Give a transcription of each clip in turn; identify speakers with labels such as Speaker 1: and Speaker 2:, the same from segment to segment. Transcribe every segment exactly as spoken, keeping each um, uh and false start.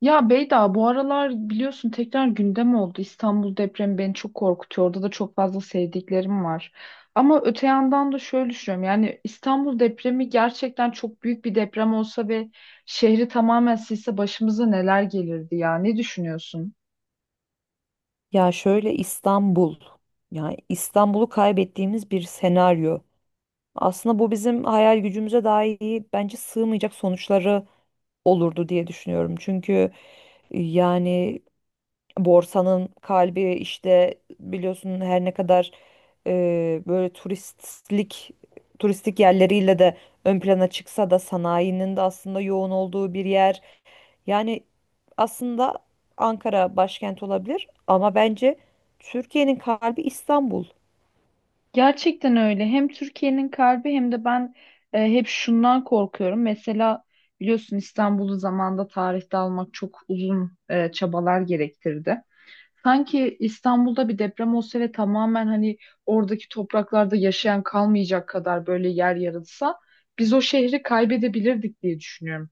Speaker 1: Ya Beyda bu aralar biliyorsun tekrar gündem oldu. İstanbul depremi beni çok korkutuyor. Orada da çok fazla sevdiklerim var. Ama öte yandan da şöyle düşünüyorum. Yani İstanbul depremi gerçekten çok büyük bir deprem olsa ve şehri tamamen silse başımıza neler gelirdi ya? Ne düşünüyorsun?
Speaker 2: Ya şöyle İstanbul. Yani İstanbul'u kaybettiğimiz bir senaryo. Aslında bu bizim hayal gücümüze dahi bence sığmayacak sonuçları olurdu diye düşünüyorum. Çünkü e, yani borsanın kalbi işte biliyorsun her ne kadar e, böyle turistlik turistik yerleriyle de ön plana çıksa da sanayinin de aslında yoğun olduğu bir yer. Yani aslında Ankara başkent olabilir ama bence Türkiye'nin kalbi İstanbul.
Speaker 1: Gerçekten öyle. Hem Türkiye'nin kalbi hem de ben e, hep şundan korkuyorum. Mesela biliyorsun İstanbul'u zamanda tarihte almak çok uzun e, çabalar gerektirdi. Sanki İstanbul'da bir deprem olsa ve tamamen hani oradaki topraklarda yaşayan kalmayacak kadar böyle yer yarılsa biz o şehri kaybedebilirdik diye düşünüyorum.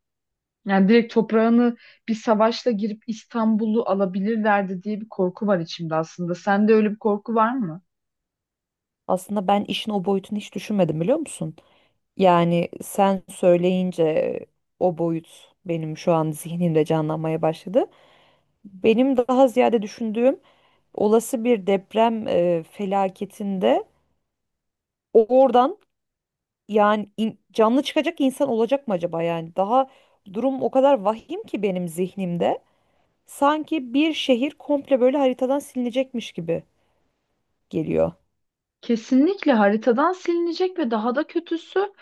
Speaker 1: Yani direkt toprağını bir savaşla girip İstanbul'u alabilirlerdi diye bir korku var içimde aslında. Sende öyle bir korku var mı?
Speaker 2: Aslında ben işin o boyutunu hiç düşünmedim, biliyor musun? Yani sen söyleyince o boyut benim şu an zihnimde canlanmaya başladı. Benim daha ziyade düşündüğüm, olası bir deprem e, felaketinde oradan yani in- canlı çıkacak insan olacak mı acaba yani? Daha durum o kadar vahim ki benim zihnimde. Sanki bir şehir komple böyle haritadan silinecekmiş gibi geliyor.
Speaker 1: Kesinlikle haritadan silinecek ve daha da kötüsü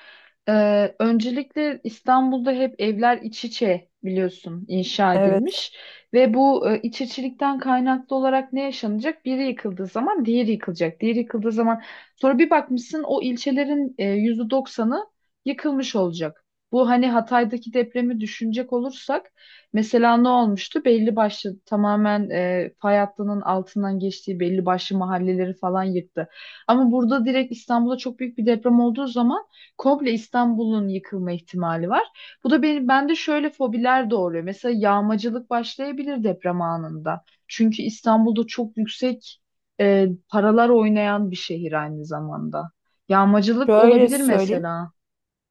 Speaker 1: e, öncelikle İstanbul'da hep evler iç içe biliyorsun inşa
Speaker 2: Evet.
Speaker 1: edilmiş ve bu e, iç içilikten kaynaklı olarak ne yaşanacak? Biri yıkıldığı zaman diğeri yıkılacak. Diğeri yıkıldığı zaman sonra bir bakmışsın o ilçelerin e, yüzde doksanı yıkılmış olacak. Bu hani Hatay'daki depremi düşünecek olursak mesela ne olmuştu? Belli başlı tamamen e, fay hattının altından geçtiği belli başlı mahalleleri falan yıktı. Ama burada direkt İstanbul'da çok büyük bir deprem olduğu zaman komple İstanbul'un yıkılma ihtimali var. Bu da benim bende şöyle fobiler doğuruyor. Mesela yağmacılık başlayabilir deprem anında. Çünkü İstanbul'da çok yüksek e, paralar oynayan bir şehir aynı zamanda. Yağmacılık
Speaker 2: Şöyle
Speaker 1: olabilir
Speaker 2: söyleyeyim.
Speaker 1: mesela.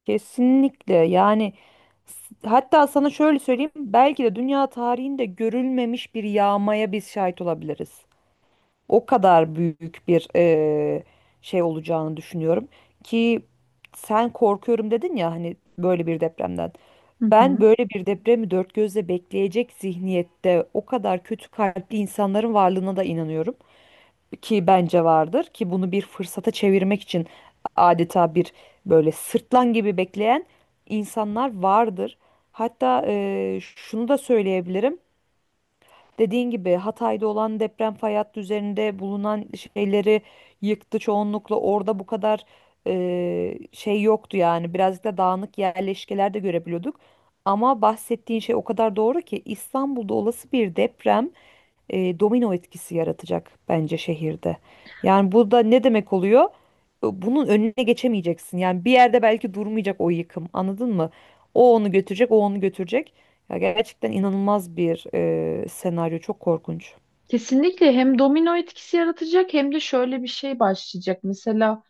Speaker 2: Kesinlikle, yani s- hatta sana şöyle söyleyeyim. Belki de dünya tarihinde görülmemiş bir yağmaya biz şahit olabiliriz. O kadar büyük bir eee, şey olacağını düşünüyorum. Ki sen korkuyorum dedin ya hani böyle bir depremden.
Speaker 1: Hı
Speaker 2: Ben
Speaker 1: hı.
Speaker 2: böyle bir depremi dört gözle bekleyecek zihniyette, o kadar kötü kalpli insanların varlığına da inanıyorum. Ki bence vardır, ki bunu bir fırsata çevirmek için adeta bir böyle sırtlan gibi bekleyen insanlar vardır. Hatta e, şunu da söyleyebilirim. Dediğin gibi Hatay'da olan deprem fay hattı üzerinde bulunan şeyleri yıktı çoğunlukla. Orada bu kadar e, şey yoktu yani. Birazcık da dağınık yerleşkeler de görebiliyorduk. Ama bahsettiğin şey o kadar doğru ki İstanbul'da olası bir deprem e, domino etkisi yaratacak bence şehirde. Yani bu da ne demek oluyor? E, Bunun önüne geçemeyeceksin. Yani bir yerde belki durmayacak o yıkım. Anladın mı? O onu götürecek, o onu götürecek. Ya gerçekten inanılmaz bir e, senaryo. Çok korkunç.
Speaker 1: Kesinlikle hem domino etkisi yaratacak hem de şöyle bir şey başlayacak. Mesela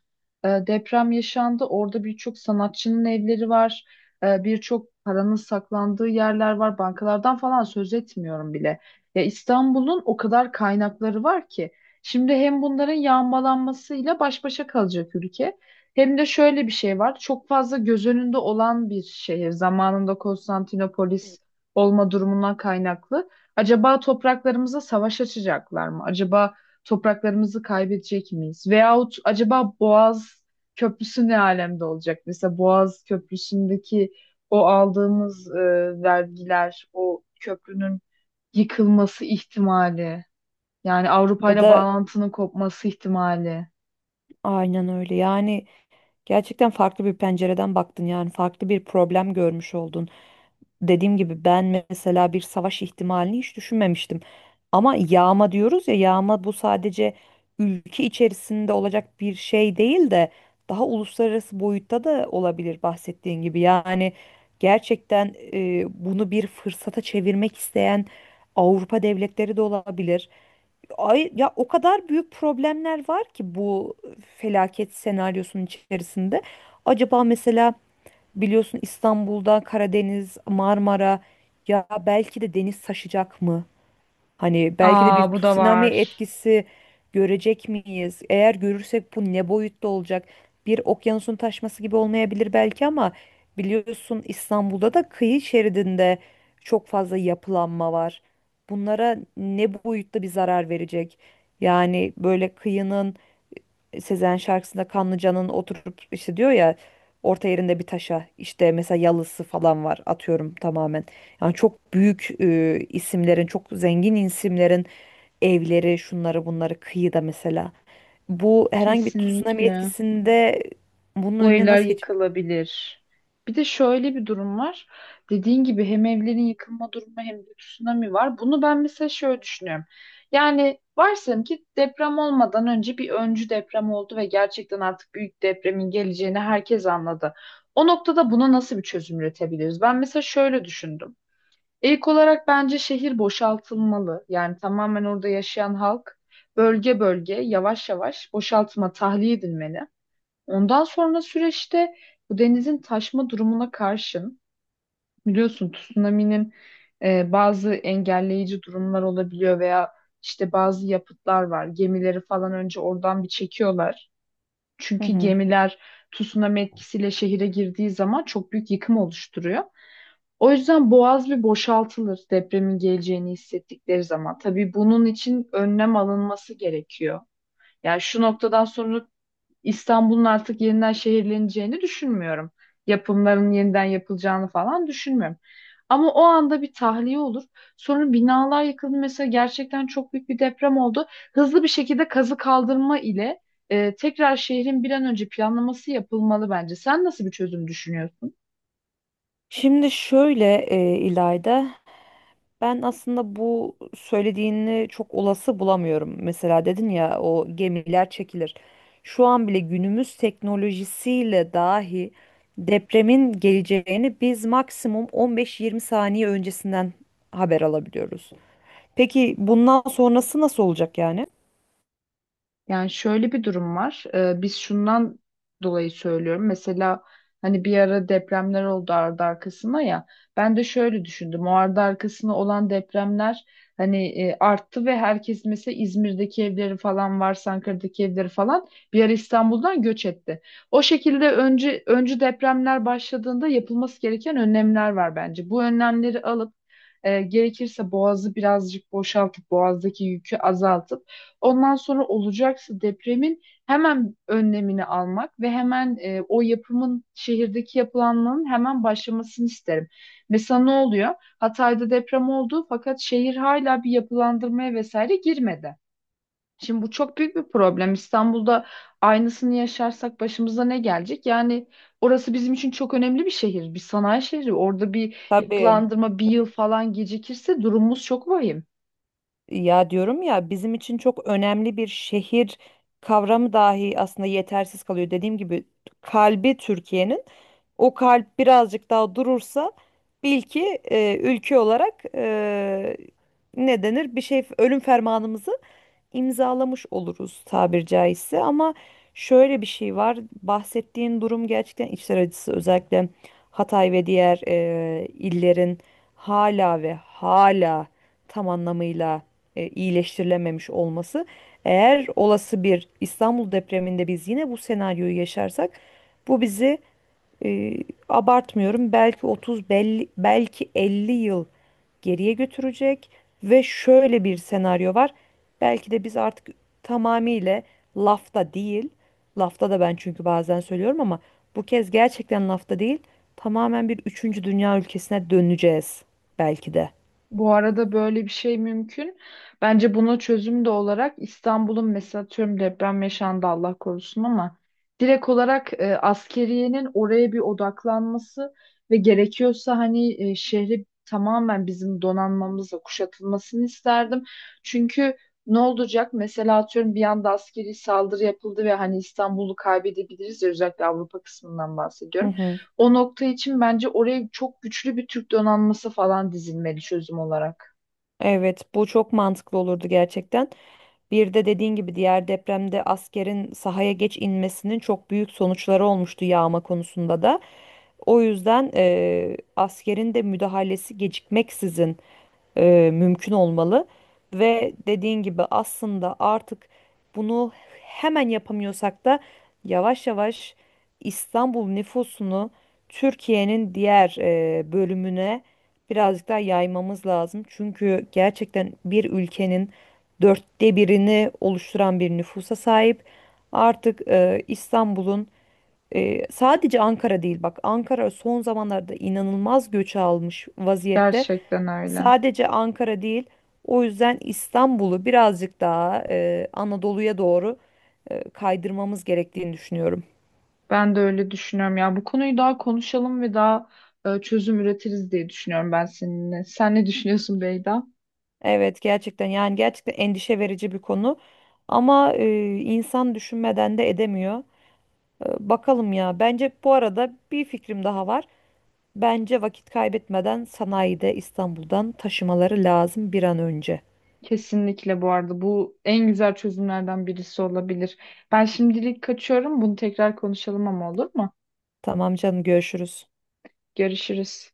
Speaker 1: E, deprem yaşandı. Orada birçok sanatçının evleri var. E, birçok paranın saklandığı yerler var. Bankalardan falan söz etmiyorum bile. Ya İstanbul'un o kadar kaynakları var ki. Şimdi hem bunların yağmalanmasıyla baş başa kalacak ülke. Hem de şöyle bir şey var. Çok fazla göz önünde olan bir şehir. Zamanında Konstantinopolis olma durumundan kaynaklı. Acaba topraklarımıza savaş açacaklar mı? Acaba topraklarımızı kaybedecek miyiz? Veyahut acaba Boğaz Köprüsü ne alemde olacak? Mesela Boğaz Köprüsü'ndeki o aldığımız e, vergiler, o köprünün yıkılması ihtimali, yani Avrupa
Speaker 2: Ya
Speaker 1: ile
Speaker 2: da
Speaker 1: bağlantının kopması ihtimali.
Speaker 2: aynen öyle. Yani gerçekten farklı bir pencereden baktın, yani farklı bir problem görmüş oldun. Dediğim gibi ben mesela bir savaş ihtimalini hiç düşünmemiştim. Ama yağma diyoruz ya, yağma bu sadece ülke içerisinde olacak bir şey değil de daha uluslararası boyutta da olabilir bahsettiğin gibi. Yani gerçekten e, bunu bir fırsata çevirmek isteyen Avrupa devletleri de olabilir. Ay ya, o kadar büyük problemler var ki bu felaket senaryosunun içerisinde. Acaba mesela biliyorsun İstanbul'da Karadeniz, Marmara, ya belki de deniz taşacak mı? Hani belki de bir
Speaker 1: Aa bu da
Speaker 2: tsunami
Speaker 1: var.
Speaker 2: etkisi görecek miyiz? Eğer görürsek bu ne boyutta olacak? Bir okyanusun taşması gibi olmayabilir belki, ama biliyorsun İstanbul'da da kıyı şeridinde çok fazla yapılanma var. Bunlara ne boyutta bir zarar verecek? Yani böyle kıyının, Sezen şarkısında Kanlıca'nın oturup işte diyor ya orta yerinde bir taşa, işte mesela yalısı falan var atıyorum tamamen. Yani çok büyük e, isimlerin, çok zengin isimlerin evleri, şunları bunları kıyıda mesela. Bu herhangi bir tsunami
Speaker 1: Kesinlikle.
Speaker 2: etkisinde bunun
Speaker 1: Bu
Speaker 2: önüne
Speaker 1: evler
Speaker 2: nasıl geçecek?
Speaker 1: yıkılabilir. Bir de şöyle bir durum var. Dediğin gibi hem evlerin yıkılma durumu hem de tsunami var. Bunu ben mesela şöyle düşünüyorum. Yani varsayalım ki deprem olmadan önce bir öncü deprem oldu ve gerçekten artık büyük depremin geleceğini herkes anladı. O noktada buna nasıl bir çözüm üretebiliriz? Ben mesela şöyle düşündüm. İlk olarak bence şehir boşaltılmalı. Yani tamamen orada yaşayan halk bölge bölge yavaş yavaş boşaltma tahliye edilmeli. Ondan sonra süreçte bu denizin taşma durumuna karşın biliyorsun tsunami'nin e, bazı engelleyici durumlar olabiliyor veya işte bazı yapıtlar var. Gemileri falan önce oradan bir çekiyorlar.
Speaker 2: Hı
Speaker 1: Çünkü
Speaker 2: hı.
Speaker 1: gemiler tsunami etkisiyle şehire girdiği zaman çok büyük yıkım oluşturuyor. O yüzden boğaz bir boşaltılır depremin geleceğini hissettikleri zaman. Tabii bunun için önlem alınması gerekiyor. Yani şu noktadan sonra İstanbul'un artık yeniden şehirleneceğini düşünmüyorum. Yapımların yeniden yapılacağını falan düşünmüyorum. Ama o anda bir tahliye olur. Sonra binalar yıkıldı. Mesela gerçekten çok büyük bir deprem oldu. Hızlı bir şekilde kazı kaldırma ile e, tekrar şehrin bir an önce planlaması yapılmalı bence. Sen nasıl bir çözüm düşünüyorsun?
Speaker 2: Şimdi şöyle e, İlayda, ben aslında bu söylediğini çok olası bulamıyorum. Mesela dedin ya, o gemiler çekilir. Şu an bile günümüz teknolojisiyle dahi depremin geleceğini biz maksimum on beş yirmi saniye öncesinden haber alabiliyoruz. Peki bundan sonrası nasıl olacak yani?
Speaker 1: Yani şöyle bir durum var. Ee, biz şundan dolayı söylüyorum. Mesela hani bir ara depremler oldu ardı arkasına ya. Ben de şöyle düşündüm. O ardı arkasına olan depremler hani e, arttı ve herkes mesela İzmir'deki evleri falan varsa Ankara'daki evleri falan bir ara İstanbul'dan göç etti. O şekilde önce öncü depremler başladığında yapılması gereken önlemler var bence. Bu önlemleri alıp e, gerekirse boğazı birazcık boşaltıp boğazdaki yükü azaltıp ondan sonra olacaksa depremin hemen önlemini almak ve hemen e, o yapımın şehirdeki yapılanmanın hemen başlamasını isterim. Mesela ne oluyor? Hatay'da deprem oldu fakat şehir hala bir yapılandırmaya vesaire girmedi. Şimdi bu çok büyük bir problem. İstanbul'da aynısını yaşarsak başımıza ne gelecek? Yani orası bizim için çok önemli bir şehir, bir sanayi şehri. Orada bir
Speaker 2: Tabii.
Speaker 1: yapılandırma bir yıl falan gecikirse durumumuz çok vahim.
Speaker 2: Ya diyorum ya, bizim için çok önemli bir şehir kavramı dahi aslında yetersiz kalıyor. Dediğim gibi, kalbi Türkiye'nin, o kalp birazcık daha durursa bil ki e, ülke olarak e, ne denir bir şey, ölüm fermanımızı imzalamış oluruz tabir caizse. Ama şöyle bir şey var, bahsettiğin durum gerçekten içler acısı, özellikle Hatay ve diğer e, illerin hala ve hala tam anlamıyla e, iyileştirilememiş olması. Eğer olası bir İstanbul depreminde biz yine bu senaryoyu yaşarsak, bu bizi e, abartmıyorum belki otuz belli, belki elli yıl geriye götürecek. Ve şöyle bir senaryo var. Belki de biz artık tamamıyla lafta değil, lafta da ben çünkü bazen söylüyorum ama bu kez gerçekten lafta değil, tamamen bir üçüncü dünya ülkesine döneceğiz belki de.
Speaker 1: Bu arada böyle bir şey mümkün. Bence buna çözüm de olarak İstanbul'un mesela atıyorum deprem yaşandı Allah korusun ama direkt olarak e, askeriyenin oraya bir odaklanması ve gerekiyorsa hani e, şehri tamamen bizim donanmamızla kuşatılmasını isterdim. Çünkü ne olacak? Mesela atıyorum bir anda askeri saldırı yapıldı ve hani İstanbul'u kaybedebiliriz ya, özellikle Avrupa kısmından
Speaker 2: Hı
Speaker 1: bahsediyorum.
Speaker 2: hı.
Speaker 1: O nokta için bence oraya çok güçlü bir Türk donanması falan dizilmeli çözüm olarak.
Speaker 2: Evet, bu çok mantıklı olurdu gerçekten. Bir de dediğin gibi diğer depremde askerin sahaya geç inmesinin çok büyük sonuçları olmuştu yağma konusunda da. O yüzden eee askerin de müdahalesi gecikmeksizin e, mümkün olmalı. Ve dediğin gibi aslında artık bunu hemen yapamıyorsak da yavaş yavaş İstanbul nüfusunu Türkiye'nin diğer e, bölümüne birazcık daha yaymamız lazım. Çünkü gerçekten bir ülkenin dörtte birini oluşturan bir nüfusa sahip. Artık e, İstanbul'un, e, sadece Ankara değil, bak Ankara son zamanlarda inanılmaz göç almış vaziyette.
Speaker 1: Gerçekten öyle.
Speaker 2: Sadece Ankara değil, o yüzden İstanbul'u birazcık daha e, Anadolu'ya doğru e, kaydırmamız gerektiğini düşünüyorum.
Speaker 1: Ben de öyle düşünüyorum. Ya bu konuyu daha konuşalım ve daha e, çözüm üretiriz diye düşünüyorum ben seninle. Sen ne düşünüyorsun Beyda?
Speaker 2: Evet, gerçekten yani gerçekten endişe verici bir konu ama e, insan düşünmeden de edemiyor. E, bakalım ya. Bence bu arada bir fikrim daha var. Bence vakit kaybetmeden sanayide İstanbul'dan taşımaları lazım bir an önce.
Speaker 1: Kesinlikle bu arada bu en güzel çözümlerden birisi olabilir. Ben şimdilik kaçıyorum. Bunu tekrar konuşalım ama olur mu?
Speaker 2: Tamam canım, görüşürüz.
Speaker 1: Görüşürüz.